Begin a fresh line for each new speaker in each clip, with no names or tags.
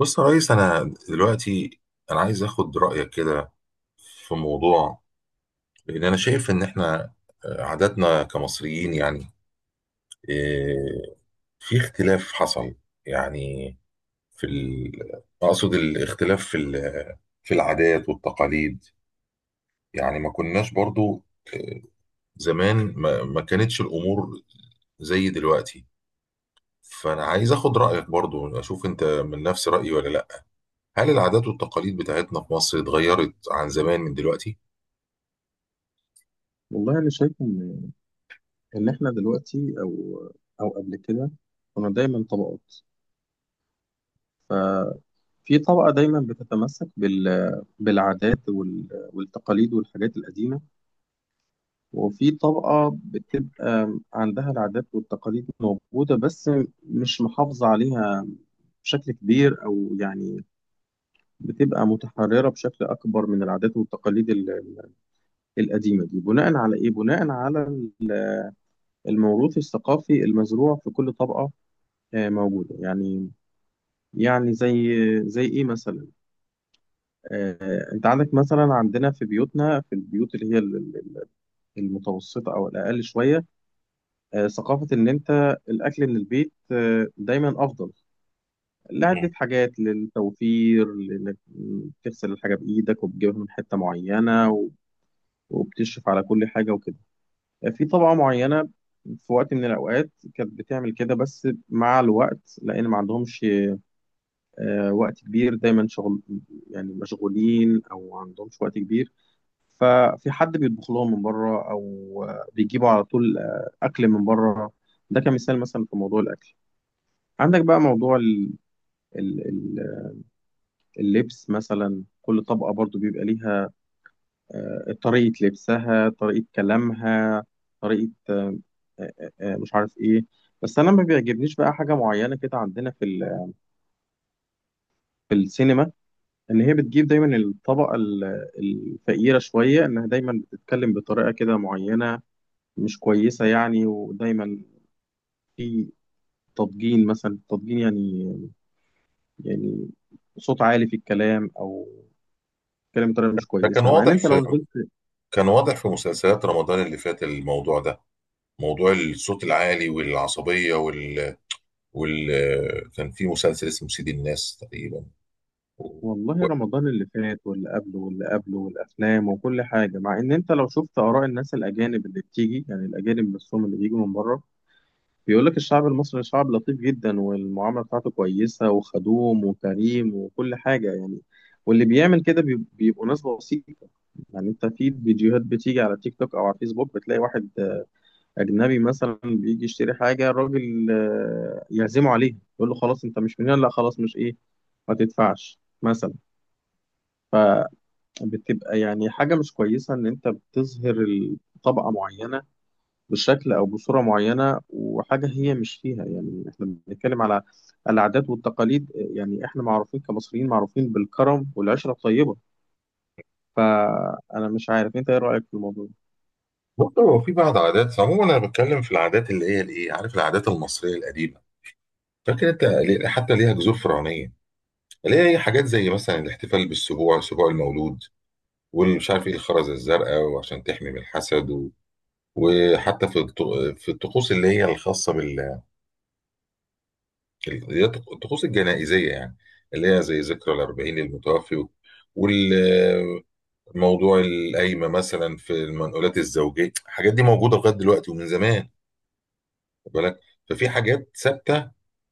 بص يا ريس، انا دلوقتي انا عايز اخد رايك كده في موضوع، لان انا شايف ان احنا عاداتنا كمصريين، يعني آه، في اختلاف حصل. يعني في ال... اقصد الاختلاف في العادات والتقاليد، يعني ما كناش برضو، آه، زمان ما كانتش الامور زي دلوقتي. فانا عايز اخد رايك برضو، اشوف انت من نفس رايي ولا لا. هل العادات والتقاليد بتاعتنا في مصر اتغيرت عن زمان من دلوقتي؟
والله انا شايف ان احنا دلوقتي او قبل كده كنا دايما طبقات. ففي طبقه دايما بتتمسك بالعادات والتقاليد والحاجات القديمه، وفي طبقه بتبقى عندها العادات والتقاليد موجوده بس مش محافظه عليها بشكل كبير، او يعني بتبقى متحرره بشكل اكبر من العادات والتقاليد القديمه دي، بناء على ايه؟ بناء على الموروث الثقافي المزروع في كل طبقه. آه، موجودة يعني. يعني زي زي ايه مثلا، آه، انت عندك مثلا عندنا في بيوتنا، في البيوت اللي هي المتوسطة او الاقل شوية، آه، ثقافة ان انت الاكل من البيت آه، دايما افضل،
مم.
لعدة حاجات، للتوفير، لانك تغسل الحاجة بايدك وبتجيبها من حتة معينة وبتشرف على كل حاجة وكده. آه، في طبقة معينة في وقت من الأوقات كانت بتعمل كده، بس مع الوقت لأن ما عندهمش آه، وقت كبير، دايما شغل، يعني مشغولين او ما عندهمش وقت كبير، ففي حد بيطبخ لهم من بره او آه، بيجيبوا على طول آه، اكل من بره. ده كمثال مثلا في موضوع الاكل. عندك بقى موضوع ال- ال- اللبس مثلا، كل طبقة برضو بيبقى ليها آه، طريقة لبسها، طريقة كلامها، طريقة مش عارف ايه. بس انا ما بيعجبنيش بقى حاجة معينة كده عندنا في في السينما، ان هي بتجيب دايما الطبقه الفقيره شويه انها دايما بتتكلم بطريقه كده معينه مش كويسه يعني، ودايما في تضجين مثلا، التضجين يعني صوت عالي في الكلام، او كلام بطريقه مش
ده كان
كويسه، مع ان
واضح
انت لو
في،
نزلت.
كان واضح في مسلسلات رمضان اللي فات، الموضوع ده. موضوع الصوت العالي والعصبية وال... كان في مسلسل اسمه سيد الناس تقريبا، و-
والله رمضان اللي فات واللي قبله واللي قبله والافلام وكل حاجه، مع ان انت لو شفت اراء الناس الاجانب اللي بتيجي، يعني الاجانب نفسهم اللي بيجوا من بره، بيقول لك الشعب المصري شعب لطيف جدا والمعاملة بتاعته كويسة وخدوم وكريم وكل حاجة يعني. واللي بيعمل كده بيبقوا ناس بسيطة. يعني انت في فيديوهات بتيجي على تيك توك او على فيسبوك، بتلاقي واحد اجنبي مثلا بيجي يشتري حاجة، الراجل آه، يعزمه عليها، يقول له خلاص انت مش من هنا، لا خلاص، مش ايه، ما تدفعش مثلا. فبتبقى يعني حاجة مش كويسة ان انت بتظهر طبقة معينة بشكل أو بصورة معينة وحاجة هي مش فيها، يعني إحنا بنتكلم على العادات والتقاليد، يعني إحنا معروفين كمصريين، معروفين بالكرم والعشرة الطيبة. فأنا مش عارف أنت إيه رأيك في الموضوع ده؟
برضه هو في بعض عادات. عموما انا بتكلم في العادات اللي هي الايه، عارف، العادات المصريه القديمه. فاكر انت حتى ليها جذور فرعونيه، اللي هي حاجات زي مثلا الاحتفال بالسبوع، سبوع المولود، والمش عارف ايه الخرز الزرقاء وعشان تحمي من الحسد. وحتى في الطقوس اللي هي الخاصه بال، اللي هي الطقوس الجنائزيه يعني، اللي هي زي ذكرى الأربعين للمتوفي. والموضوع القايمه مثلا في المنقولات الزوجيه، الحاجات دي موجوده لغايه دلوقتي ومن زمان، خد بالك. ففي حاجات ثابته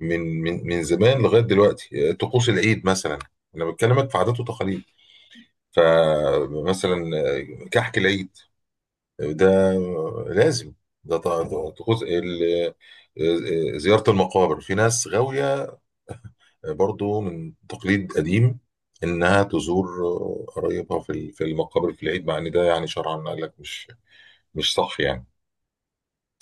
من زمان لغايه دلوقتي. طقوس العيد مثلا، انا بكلمك في عادات وتقاليد، فمثلا كحك العيد ده لازم. ده طبعا طقوس ال، زيارة المقابر. في ناس غاوية برضو من تقليد قديم إنها تزور قرايبها في المقابر في العيد، مع إن ده يعني شرعا قال لك مش مش صح يعني.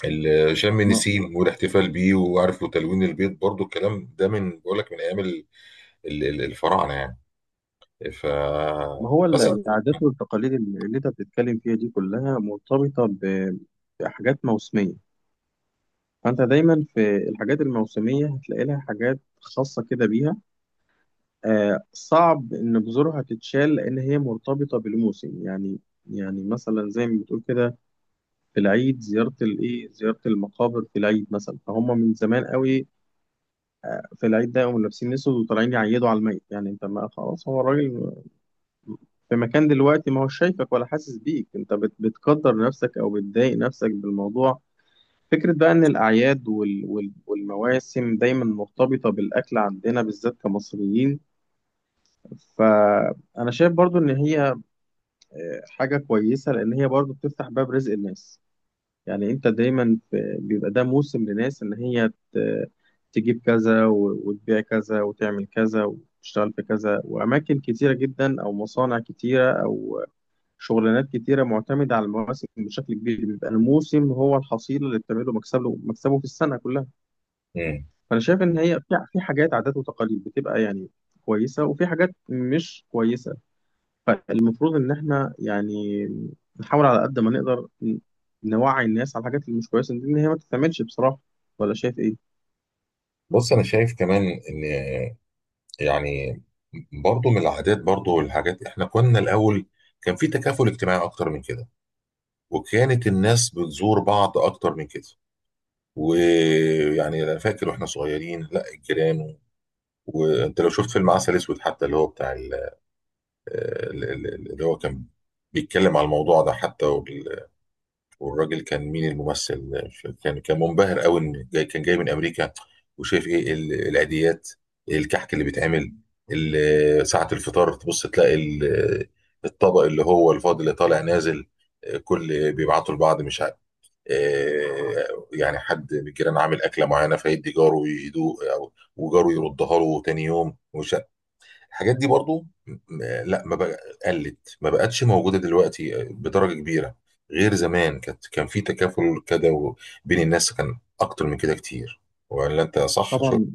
شم
ما
النسيم والاحتفال بيه وعارف، وتلوين البيت، برضو الكلام ده، من، بقول لك، من أيام الفراعنة يعني. ف
ما هو
بس،
العادات والتقاليد اللي أنت بتتكلم فيها دي كلها مرتبطة بحاجات موسمية، فأنت دايما في الحاجات الموسمية هتلاقي لها حاجات خاصة كده بيها. آه صعب إن جذورها تتشال لأن هي مرتبطة بالموسم يعني. يعني مثلا زي ما بتقول كده، في العيد زيارة الإيه، زيارة المقابر في العيد مثلا، فهم من زمان قوي في العيد ده يقوموا لابسين أسود وطالعين يعيدوا على الميت، يعني أنت ما خلاص هو الراجل في مكان دلوقتي، ما هو شايفك ولا حاسس بيك، أنت بتقدر نفسك أو بتضايق نفسك بالموضوع. فكرة بقى إن الأعياد والمواسم دايما مرتبطة بالأكل عندنا بالذات كمصريين. فأنا شايف برضو إن هي حاجة كويسة، لأن هي برضو بتفتح باب رزق الناس. يعني انت دايما في بيبقى ده موسم لناس ان تجيب كذا وتبيع كذا وتعمل كذا وتشتغل في كذا، واماكن كتيره جدا او مصانع كتيره او شغلانات كتيره معتمده على المواسم بشكل كبير، بيبقى الموسم هو الحصيله اللي بتعمله مكسبه، في السنه كلها. فانا شايف ان هي في حاجات عادات وتقاليد بتبقى يعني كويسه وفي حاجات مش كويسه، فالمفروض ان احنا يعني نحاول على قد ما نقدر نوعي الناس على الحاجات اللي مش كويسه دي ان هي ما تتعملش بصراحه. ولا شايف ايه؟
بص أنا شايف كمان إن، يعني، برضو من العادات برضو والحاجات، احنا كنا الاول كان في تكافل اجتماعي اكتر من كده، وكانت الناس بتزور بعض اكتر من كده. ويعني انا فاكر واحنا صغيرين، لا، الجيران وانت لو شفت فيلم عسل اسود حتى، اللي هو بتاع اللي هو كان بيتكلم على الموضوع ده حتى. والراجل كان، مين الممثل، مش فاكر. كان كان منبهر قوي، ان جاي، كان جاي من امريكا، وشايف ايه. إيه العيديات، إيه الكحك اللي بيتعمل، ساعة الفطار تبص تلاقي الطبق اللي هو الفاضل اللي طالع نازل، كل بيبعتوا لبعض، مش عارف، يعني حد من الجيران عامل اكله معينه، فيدي جاره يدوق، او وجاره يردها له تاني يوم، ومش، الحاجات دي برضو لا، ما بقى، قلت ما بقتش موجودة دلوقتي بدرجة كبيرة غير زمان. كانت كان في تكافل كده بين الناس، كان أكتر من كده كتير. ولا أنت صح؟ شو.
طبعا،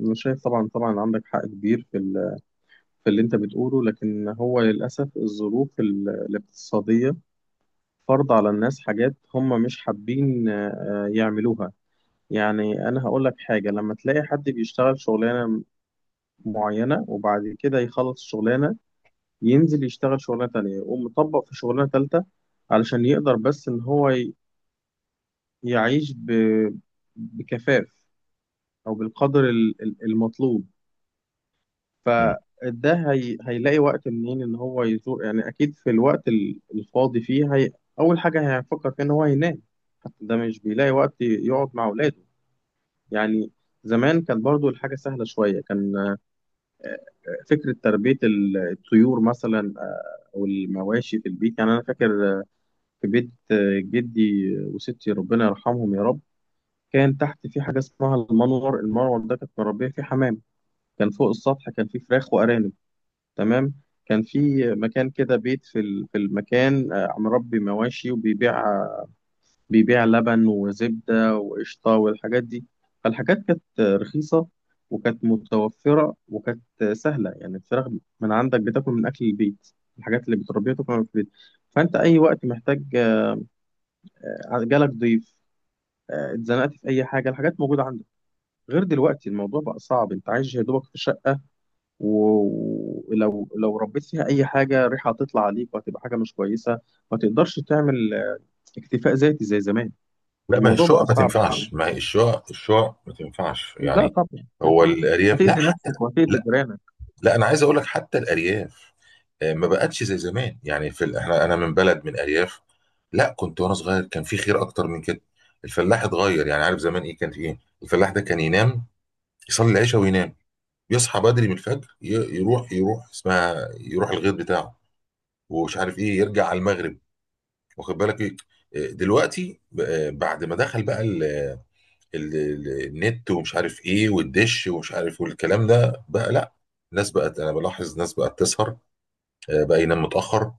انا شايف طبعا، طبعا عندك حق كبير في في اللي انت بتقوله، لكن هو للاسف الظروف الاقتصاديه فرض على الناس حاجات هم مش حابين آه، يعملوها. يعني انا هقول لك حاجه، لما تلاقي حد بيشتغل شغلانه معينه وبعد كده يخلص الشغلانه، ينزل يشتغل شغلانة تانية، يقوم مطبق في شغلانة تالتة، علشان يقدر بس إن يعيش بكفاف، أو بالقدر المطلوب.
مم.
هيلاقي وقت منين إن هو يزور؟ يعني أكيد في الوقت الفاضي أول حاجة هيفكر فيها إن هو ينام. حتى ده مش بيلاقي وقت يقعد مع أولاده يعني. زمان كانت برضو الحاجة سهلة شوية، كان فكرة تربية الطيور مثلا آه، أو المواشي في البيت. يعني أنا فاكر في بيت آه، جدي وستي، ربنا يرحمهم يا رب، كان تحت في حاجة اسمها المنور، المنور ده كانت مربية فيه حمام، كان فوق السطح كان فيه فراخ وأرانب. تمام. كان في مكان كده، بيت في في المكان آه، مربي مواشي وبيبيع لبن وزبدة وقشطة والحاجات دي. فالحاجات كانت رخيصة وكانت متوفرة وكانت سهلة، يعني الفراخ من عندك بتاكل من أكل البيت، الحاجات اللي بتربيها تاكل من أكل البيت، فأنت أي وقت محتاج، آه، جالك ضيف آه، اتزنقت في اي حاجه، الحاجات موجوده عندك. غير دلوقتي الموضوع بقى صعب، انت عايش يا دوبك في شقه، ولو ربيت فيها اي حاجه ريحه هتطلع عليك وهتبقى حاجه مش كويسه، ما تقدرش تعمل آه، اكتفاء ذاتي زي زمان.
لا، ما هي
الموضوع بقى
الشقق ما
صعب
تنفعش.
شويه.
ما هي الشقق، الشقق ما تنفعش
لا
يعني.
طبعا ما
هو
ينفعش،
الأرياف، لا،
هتأذي
حتى
نفسك
لا.
وهتأذي جيرانك.
لا انا عايز اقول لك حتى الارياف ما بقتش زي زمان. يعني في احنا، انا من بلد، من ارياف. لا، كنت وانا صغير كان في خير اكتر من كده. الفلاح اتغير، يعني عارف زمان ايه كان في ايه، الفلاح ده كان ينام، يصلي العشاء وينام، يصحى بدري من الفجر، يروح، يروح اسمها يروح الغيط بتاعه، ومش عارف ايه يرجع على المغرب. واخد بالك ايه، دلوقتي بعد ما دخل بقى ال النت ومش عارف ايه، والدش ومش عارف، والكلام ده بقى، لا، الناس بقت، انا بلاحظ الناس بقت تسهر، بقى ينام متاخر.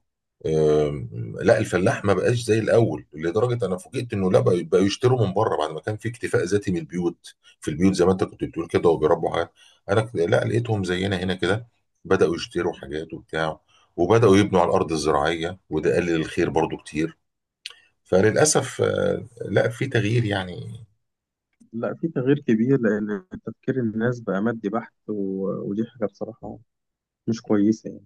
آم، لا الفلاح ما بقاش زي الاول، لدرجه انا فوجئت انه لا، بقوا يشتروا من بره بعد ما كان في اكتفاء ذاتي من البيوت. في البيوت زي ما انت كنت بتقول كده، وبيربوا حاجات. انا لا لقيتهم زينا هنا كده، بداوا يشتروا حاجات وبتاع، وبداوا يبنوا على الارض الزراعيه، وده قلل الخير برضو كتير. فللاسف لا في تغيير يعني.
لا، في تغيير كبير، لأن تفكير الناس بقى مادي بحت، ودي حاجة بصراحة مش كويسة يعني.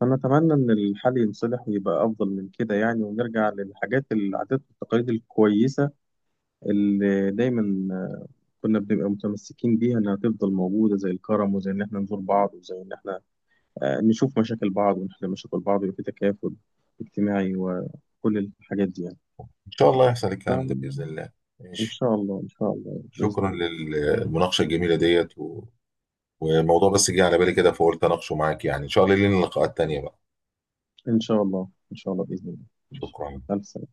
فأنا أتمنى إن الحل ينصلح ويبقى أفضل من كده يعني، ونرجع للحاجات، العادات والتقاليد الكويسة اللي دايما كنا بنبقى متمسكين بيها، انها تفضل موجوده، زي الكرم، وزي ان احنا نزور بعض، وزي ان احنا آه، نشوف مشاكل بعض ونحل مشاكل بعض، ويبقى في تكافل اجتماعي وكل الحاجات دي يعني.
ان شاء الله يحصل الكلام ده باذن
فان
الله. ماشي.
شاء الله، ان شاء الله باذن
شكرا
الله.
للمناقشه الجميله ديت والموضوع بس جه على بالي كده فقلت اناقشه معاك. يعني ان شاء الله لينا لقاءات تانية بقى.
ان شاء الله ان شاء الله باذن الله. ماشي.
شكرا.
الف